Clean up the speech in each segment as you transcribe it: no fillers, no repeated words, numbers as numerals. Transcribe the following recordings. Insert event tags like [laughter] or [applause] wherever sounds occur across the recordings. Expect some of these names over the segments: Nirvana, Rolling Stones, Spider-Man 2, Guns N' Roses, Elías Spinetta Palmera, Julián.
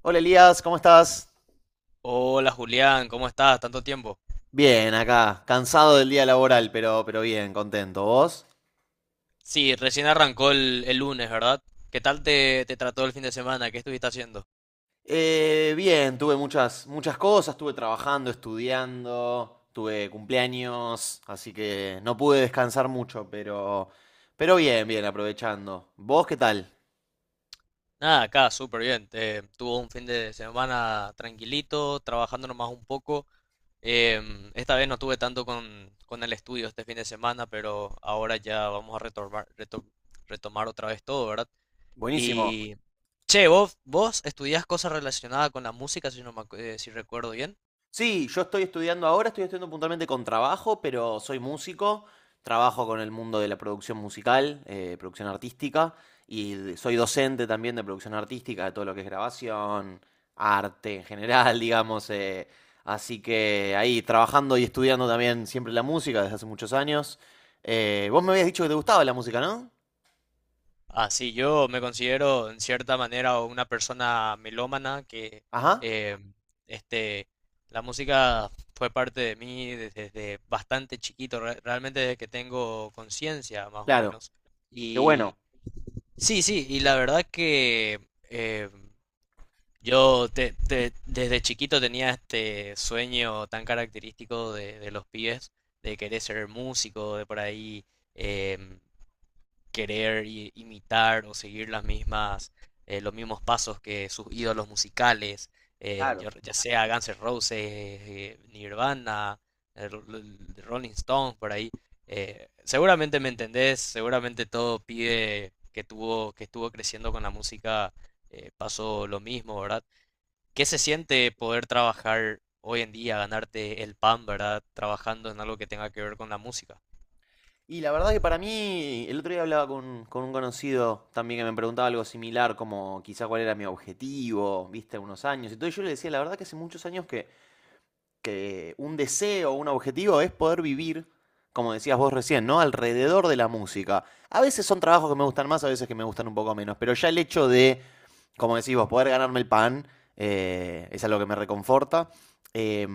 Hola Elías, ¿cómo estás? Hola Julián, ¿cómo estás? Tanto tiempo. Bien, acá, cansado del día laboral, pero bien, contento. ¿Vos? Sí, recién arrancó el lunes, ¿verdad? ¿Qué tal te trató el fin de semana? ¿Qué estuviste haciendo? Bien, tuve muchas cosas, estuve trabajando, estudiando, tuve cumpleaños, así que no pude descansar mucho, pero, pero bien, aprovechando. ¿Vos qué tal? Nada, acá, súper bien. Tuve un fin de semana tranquilito, trabajando nomás un poco. Esta vez no tuve tanto con el estudio este fin de semana, pero ahora ya vamos a retomar, retomar otra vez todo, ¿verdad? Buenísimo. Y, che, vos estudiás cosas relacionadas con la música, si, si recuerdo bien. Sí, yo estoy estudiando ahora, estoy estudiando puntualmente con trabajo, pero soy músico, trabajo con el mundo de la producción musical, producción artística, soy docente también de producción artística, de todo lo que es grabación, arte en general, [laughs] digamos. Así que ahí trabajando y estudiando también siempre la música desde hace muchos años. Vos me habías dicho que te gustaba la música, ¿no? Así yo me considero en cierta manera una persona melómana que Ajá, eh, este, la música fue parte de mí desde bastante chiquito, realmente desde que tengo conciencia más o claro, menos. qué Y bueno, sí, sí, y la verdad que eh, yo desde chiquito tenía este sueño tan característico de los pibes, de querer ser músico, de por ahí. em, querer imitar o seguir las mismas, los mismos pasos que sus ídolos musicales, claro. Ya sea Guns N' Roses, Nirvana, eh, Rolling Stones, por ahí. Seguramente me entendés, seguramente todo pide que tuvo, que estuvo creciendo con la música, pasó lo mismo, ¿verdad? ¿Qué se siente poder trabajar hoy en día, ganarte el pan, ¿verdad? Trabajando en algo que tenga que ver con la música. Y la verdad que para mí, el otro día hablaba con un conocido también que me preguntaba algo similar, como quizá cuál era mi objetivo, viste, unos años y todo. Y yo le decía, la verdad que hace muchos años que un deseo, un objetivo es poder vivir, como decías vos recién, ¿no? Alrededor de la música. A veces son trabajos que me gustan más, a veces que me gustan un poco menos, pero ya el hecho de como decís vos, poder ganarme el pan, es algo que me reconforta. Eh,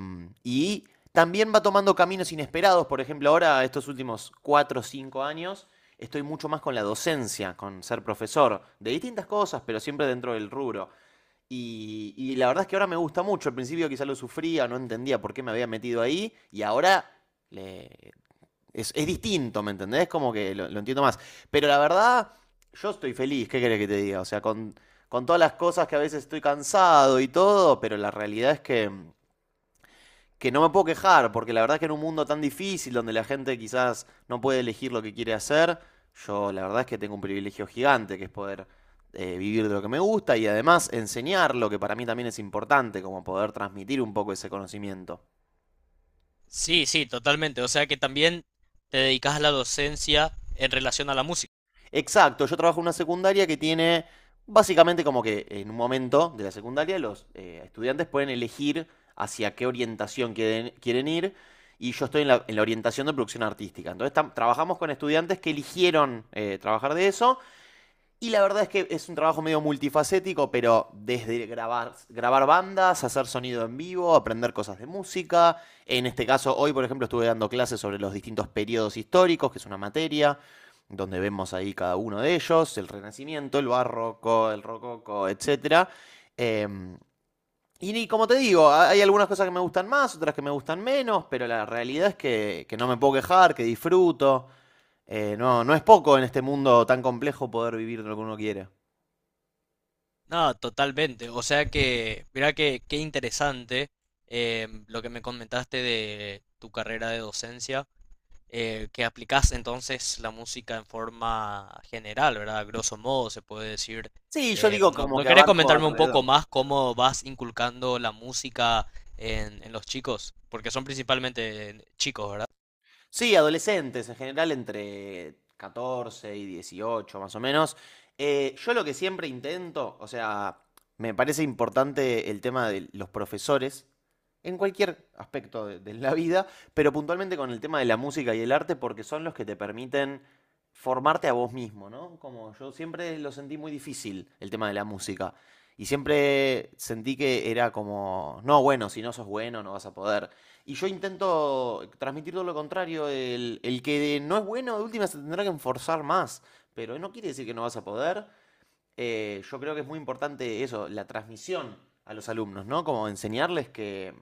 y también va tomando caminos inesperados. Por ejemplo, ahora, estos últimos 4 o 5 años, estoy mucho más con la docencia, con ser profesor, de distintas cosas, pero siempre dentro del rubro. Y la verdad es que ahora me gusta mucho. Al principio quizá lo sufría, no entendía por qué me había metido ahí. Y ahora le, es distinto, ¿me entendés? Como que lo entiendo más. Pero la verdad, yo estoy feliz, ¿qué querés que te diga? O sea, con todas las cosas que a veces estoy cansado y todo, pero la realidad es que no me puedo quejar, porque la verdad es que en un mundo tan difícil donde la gente quizás no puede elegir lo que quiere hacer, yo la verdad es que tengo un privilegio gigante que es poder vivir de lo que me gusta y además enseñar lo que para mí también es importante, como poder transmitir un poco ese conocimiento. Sí, sí, totalmente. O sea que también te dedicas a la docencia en relación a la música. Exacto, yo trabajo en una secundaria que tiene básicamente como que en un momento de la secundaria los estudiantes pueden elegir hacia qué orientación quieren ir y yo estoy en la orientación de producción artística. Trabajamos con estudiantes que eligieron trabajar de eso y la verdad es que es un trabajo medio multifacético, pero desde grabar, grabar bandas, hacer sonido en vivo, aprender cosas de música. En este caso, hoy, por ejemplo, estuve dando clases sobre los distintos periodos históricos, que es una materia, donde vemos ahí cada uno de ellos, el Renacimiento, el Barroco, el Rococo, etc. Como te digo, hay algunas cosas que me gustan más, otras que me gustan menos, pero la realidad es que no me puedo quejar, que disfruto. No es poco en este mundo tan complejo poder vivir de lo que uno quiere. No, totalmente. O sea que, mira que qué interesante lo que me comentaste de tu carrera de docencia, que aplicas entonces la música en forma general, ¿verdad? A grosso modo se puede decir. Sí, yo digo No, como ¿no que querés abarco comentarme un poco alrededor. más cómo vas inculcando la música en los chicos? Porque son principalmente chicos, ¿verdad? Sí, adolescentes, en general entre 14 y 18 más o menos. Yo lo que siempre intento, o sea, me parece importante el tema de los profesores en cualquier aspecto de la vida, pero puntualmente con el tema de la música y el arte porque son los que te permiten formarte a vos mismo, ¿no? Como yo siempre lo sentí muy difícil el tema de la música. Y siempre sentí que era como, no, bueno, si no sos bueno, no vas a poder. Y yo intento transmitir todo lo contrario, el que no es bueno de última se tendrá que enforzar más, pero no quiere decir que no vas a poder. Yo creo que es muy importante eso, la transmisión a los alumnos, ¿no? Como enseñarles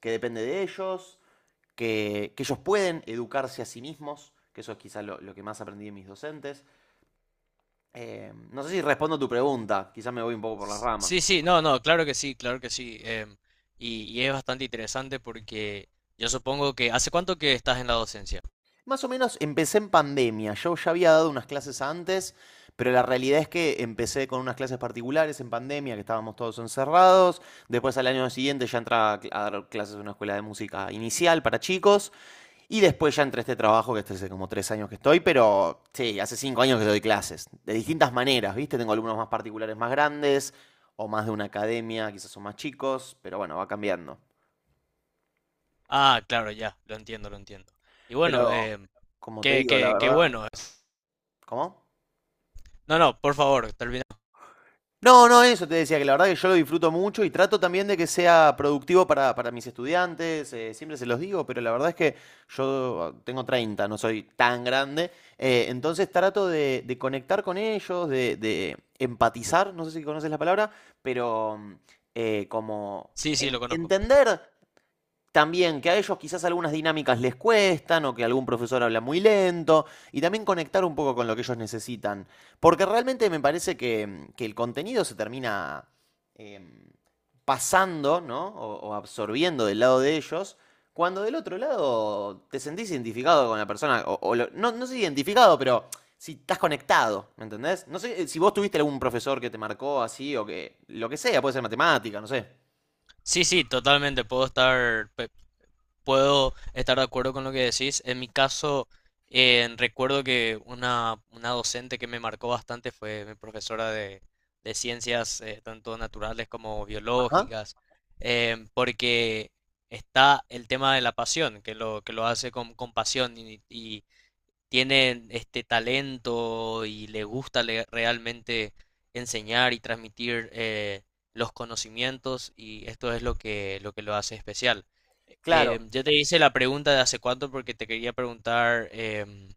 que depende de ellos, que ellos pueden educarse a sí mismos, que eso es quizá lo que más aprendí de mis docentes. No sé si respondo a tu pregunta, quizá me voy un poco por las ramas. Sí, sí, no, no, claro que sí, claro que sí. Y es bastante interesante porque yo supongo que... ¿Hace cuánto que estás en la docencia? Más o menos empecé en pandemia. Yo ya había dado unas clases antes, pero la realidad es que empecé con unas clases particulares en pandemia, que estábamos todos encerrados. Después al año siguiente ya entraba a dar clases en una escuela de música inicial para chicos. Y después ya entré a este trabajo, que este hace como tres años que estoy, pero sí, hace cinco años que doy clases. De distintas maneras, ¿viste? Tengo alumnos más particulares más grandes, o más de una academia, quizás son más chicos, pero bueno, va cambiando. Ah, claro, ya, lo entiendo, lo entiendo. Y bueno, Pero, como te qué, digo, la qué, qué verdad, bueno. ¿cómo? No, no, por favor, termina. No, no, eso te decía, que la verdad que yo lo disfruto mucho y trato también de que sea productivo para mis estudiantes, siempre se los digo, pero la verdad es que yo tengo treinta, no soy tan grande, entonces trato de conectar con ellos, de empatizar, no sé si conoces la palabra, pero como Sí, sí, lo conozco. entender también que a ellos quizás algunas dinámicas les cuestan o que algún profesor habla muy lento y también conectar un poco con lo que ellos necesitan. Porque realmente me parece que el contenido se termina em, pasando ¿no? O absorbiendo del lado de ellos. Cuando del otro lado te sentís identificado con la persona, o lo- no, no sé si identificado, pero si estás conectado, ¿me entendés? No sé si vos tuviste algún profesor que te marcó así o que, lo que sea, puede ser matemática, no sé. Sí, sí, totalmente, puedo estar... Puedo estar de acuerdo con lo que decís. En mi caso, recuerdo que una docente que me marcó bastante fue mi profesora de ciencias, tanto naturales como Ajá. biológicas, porque está el tema de la pasión, que lo hace con pasión y tienen este talento y realmente enseñar y transmitir los conocimientos y esto es lo que, lo que lo hace especial. Claro. Yo te hice la pregunta de hace cuánto porque te quería preguntar,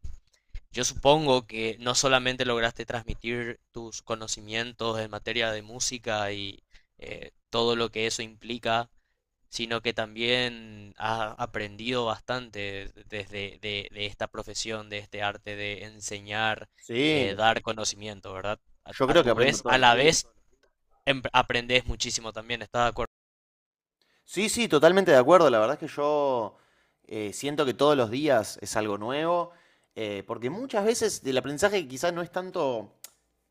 yo supongo que no solamente lograste transmitir tus conocimientos en materia de música y todo lo que eso implica, sino que también has aprendido bastante desde de esta profesión, de este arte de enseñar, Sí. dar conocimiento, ¿verdad? Yo A creo que tu aprendo vez, a todos los la días. vez, aprendes muchísimo también, ¿estás de acuerdo? Sí, sí, totalmente de acuerdo. La verdad es que yo siento que todos los días es algo nuevo, porque muchas veces el aprendizaje quizás no es tanto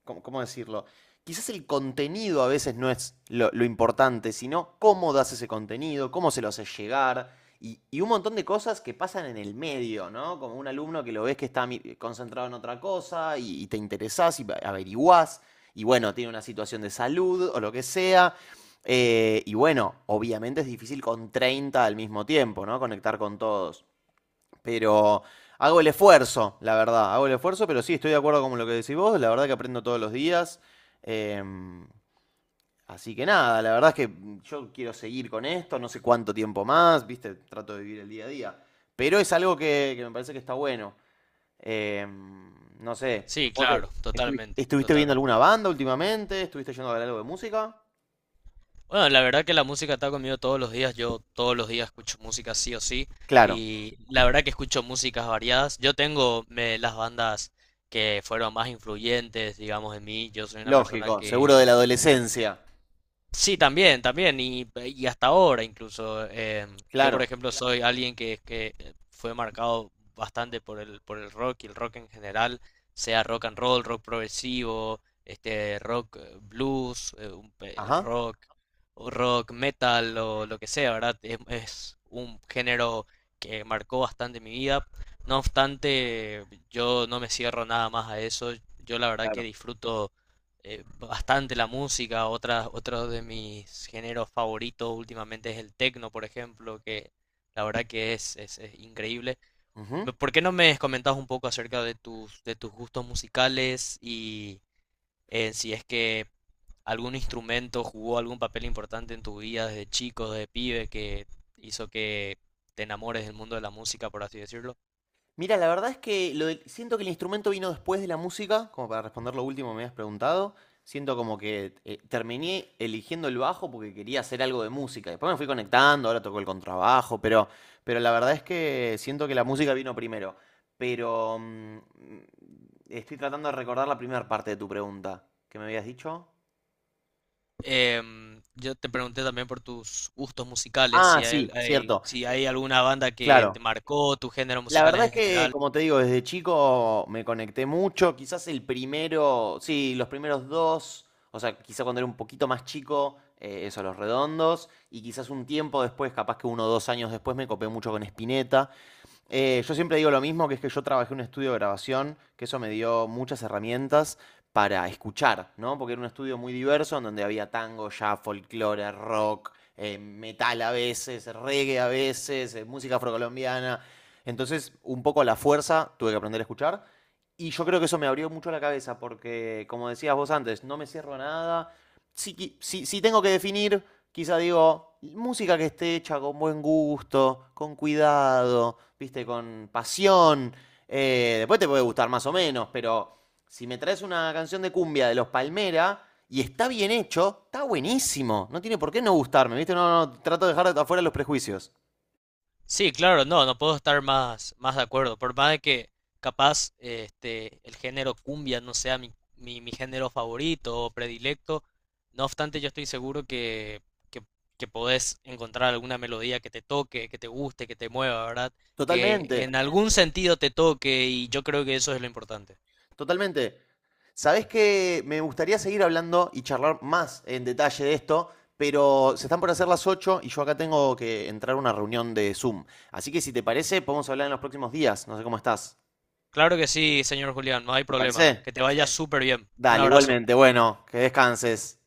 ¿cómo decirlo? Quizás el contenido a veces no es lo importante, sino cómo das ese contenido, cómo se lo haces llegar. Y un montón de cosas que pasan en el medio, ¿no? Como un alumno que lo ves que está concentrado en otra cosa y te interesás y averiguás y bueno, tiene una situación de salud o lo que sea. Y bueno, obviamente es difícil con 30 al mismo tiempo, ¿no? Conectar con todos. Pero hago el esfuerzo, la verdad. Hago el esfuerzo, pero sí, estoy de acuerdo con lo que decís vos. La verdad que aprendo todos los días. Em, Así que nada, la verdad es que yo quiero seguir con esto, no sé cuánto tiempo más, viste, trato de vivir el día a día. Pero es algo que me parece que está bueno. Em, no sé, Sí, vos, claro, totalmente, ¿estuviste viendo totalmente. alguna banda últimamente? ¿Estuviste yendo a ver algo de música? Bueno, la verdad que la música está conmigo todos los días, yo todos los días escucho música sí o sí, Claro, y la verdad que escucho músicas variadas. Yo tengo las bandas que fueron más influyentes, digamos, en mí. Yo soy una persona lógico, seguro que de la adolescencia. sí, también, también, y hasta ahora incluso. Yo, por Claro, ejemplo, soy alguien que fue marcado bastante por por el rock y el rock en general, sea rock and roll, rock progresivo, este, rock blues, ajá, rock, o rock metal o lo que sea, ¿verdad? Es un género que marcó bastante mi vida. No obstante, yo no me cierro nada más a eso. Yo la verdad que claro. disfruto bastante la música. Otra, otro de mis géneros favoritos últimamente es el techno, por ejemplo, que la verdad que es increíble. Ujú. ¿Por qué no me comentas un poco acerca de tus gustos musicales y si es que algún instrumento jugó algún papel importante en tu vida desde chico, desde pibe, que hizo que te enamores del mundo de la música, por así decirlo? Mira, la verdad es que siento que el instrumento vino después de la música, como para responder lo último que me habías preguntado. Siento como que terminé eligiendo el bajo porque quería hacer algo de música. Después me fui conectando, ahora toco el contrabajo, pero la verdad es que siento que la música vino primero. Pero estoy tratando de recordar la primera parte de tu pregunta. ¿Qué me habías dicho? Yo te pregunté también por tus gustos musicales, Ah, si hay, sí, cierto, si hay alguna banda que te claro. marcó, tus géneros La musicales verdad es en que, general. como te digo, desde chico me conecté mucho. Quizás el primero, sí, los primeros dos, o sea, quizás cuando era un poquito más chico, eso, los redondos, y quizás un tiempo después, capaz que uno o dos años después, me copé mucho con Spinetta. Yo siempre digo lo mismo, que es que yo trabajé en un estudio de grabación, que eso me dio muchas herramientas para escuchar, ¿no? Porque era un estudio muy diverso, en donde había tango, jazz, folclore, rock, metal a veces, reggae a veces, música afrocolombiana. Entonces, un poco a la fuerza tuve que aprender a escuchar. Y yo creo que eso me abrió mucho la cabeza, porque, como decías vos antes, no me cierro a nada. Si tengo que definir, quizá digo, música que esté hecha con buen gusto, con cuidado, viste, con pasión. Después te puede gustar más o menos, pero si me traes una canción de cumbia de los Palmera y está bien hecho, está buenísimo. No tiene por qué no gustarme, viste. No, no, trato de dejar afuera los prejuicios. Sí, claro, no, no puedo estar más, más de acuerdo. Por más de que capaz este, el género cumbia no sea mi, mi, mi género favorito o predilecto, no obstante yo estoy seguro que, que podés encontrar alguna melodía que te toque, que te guste, que te mueva, ¿verdad? Que Totalmente. en algún sentido te toque y yo creo que eso es lo importante. Totalmente. Sabés que me gustaría seguir hablando y charlar más en detalle de esto, pero se están por hacer las 8 y yo acá tengo que entrar a una reunión de Zoom. Así que si te parece, podemos hablar en los próximos días. No sé cómo estás. Claro que sí, señor Julián, no hay ¿Te problema. parece? Que te vaya súper bien. Un Dale, abrazo. igualmente. Bueno, que descanses.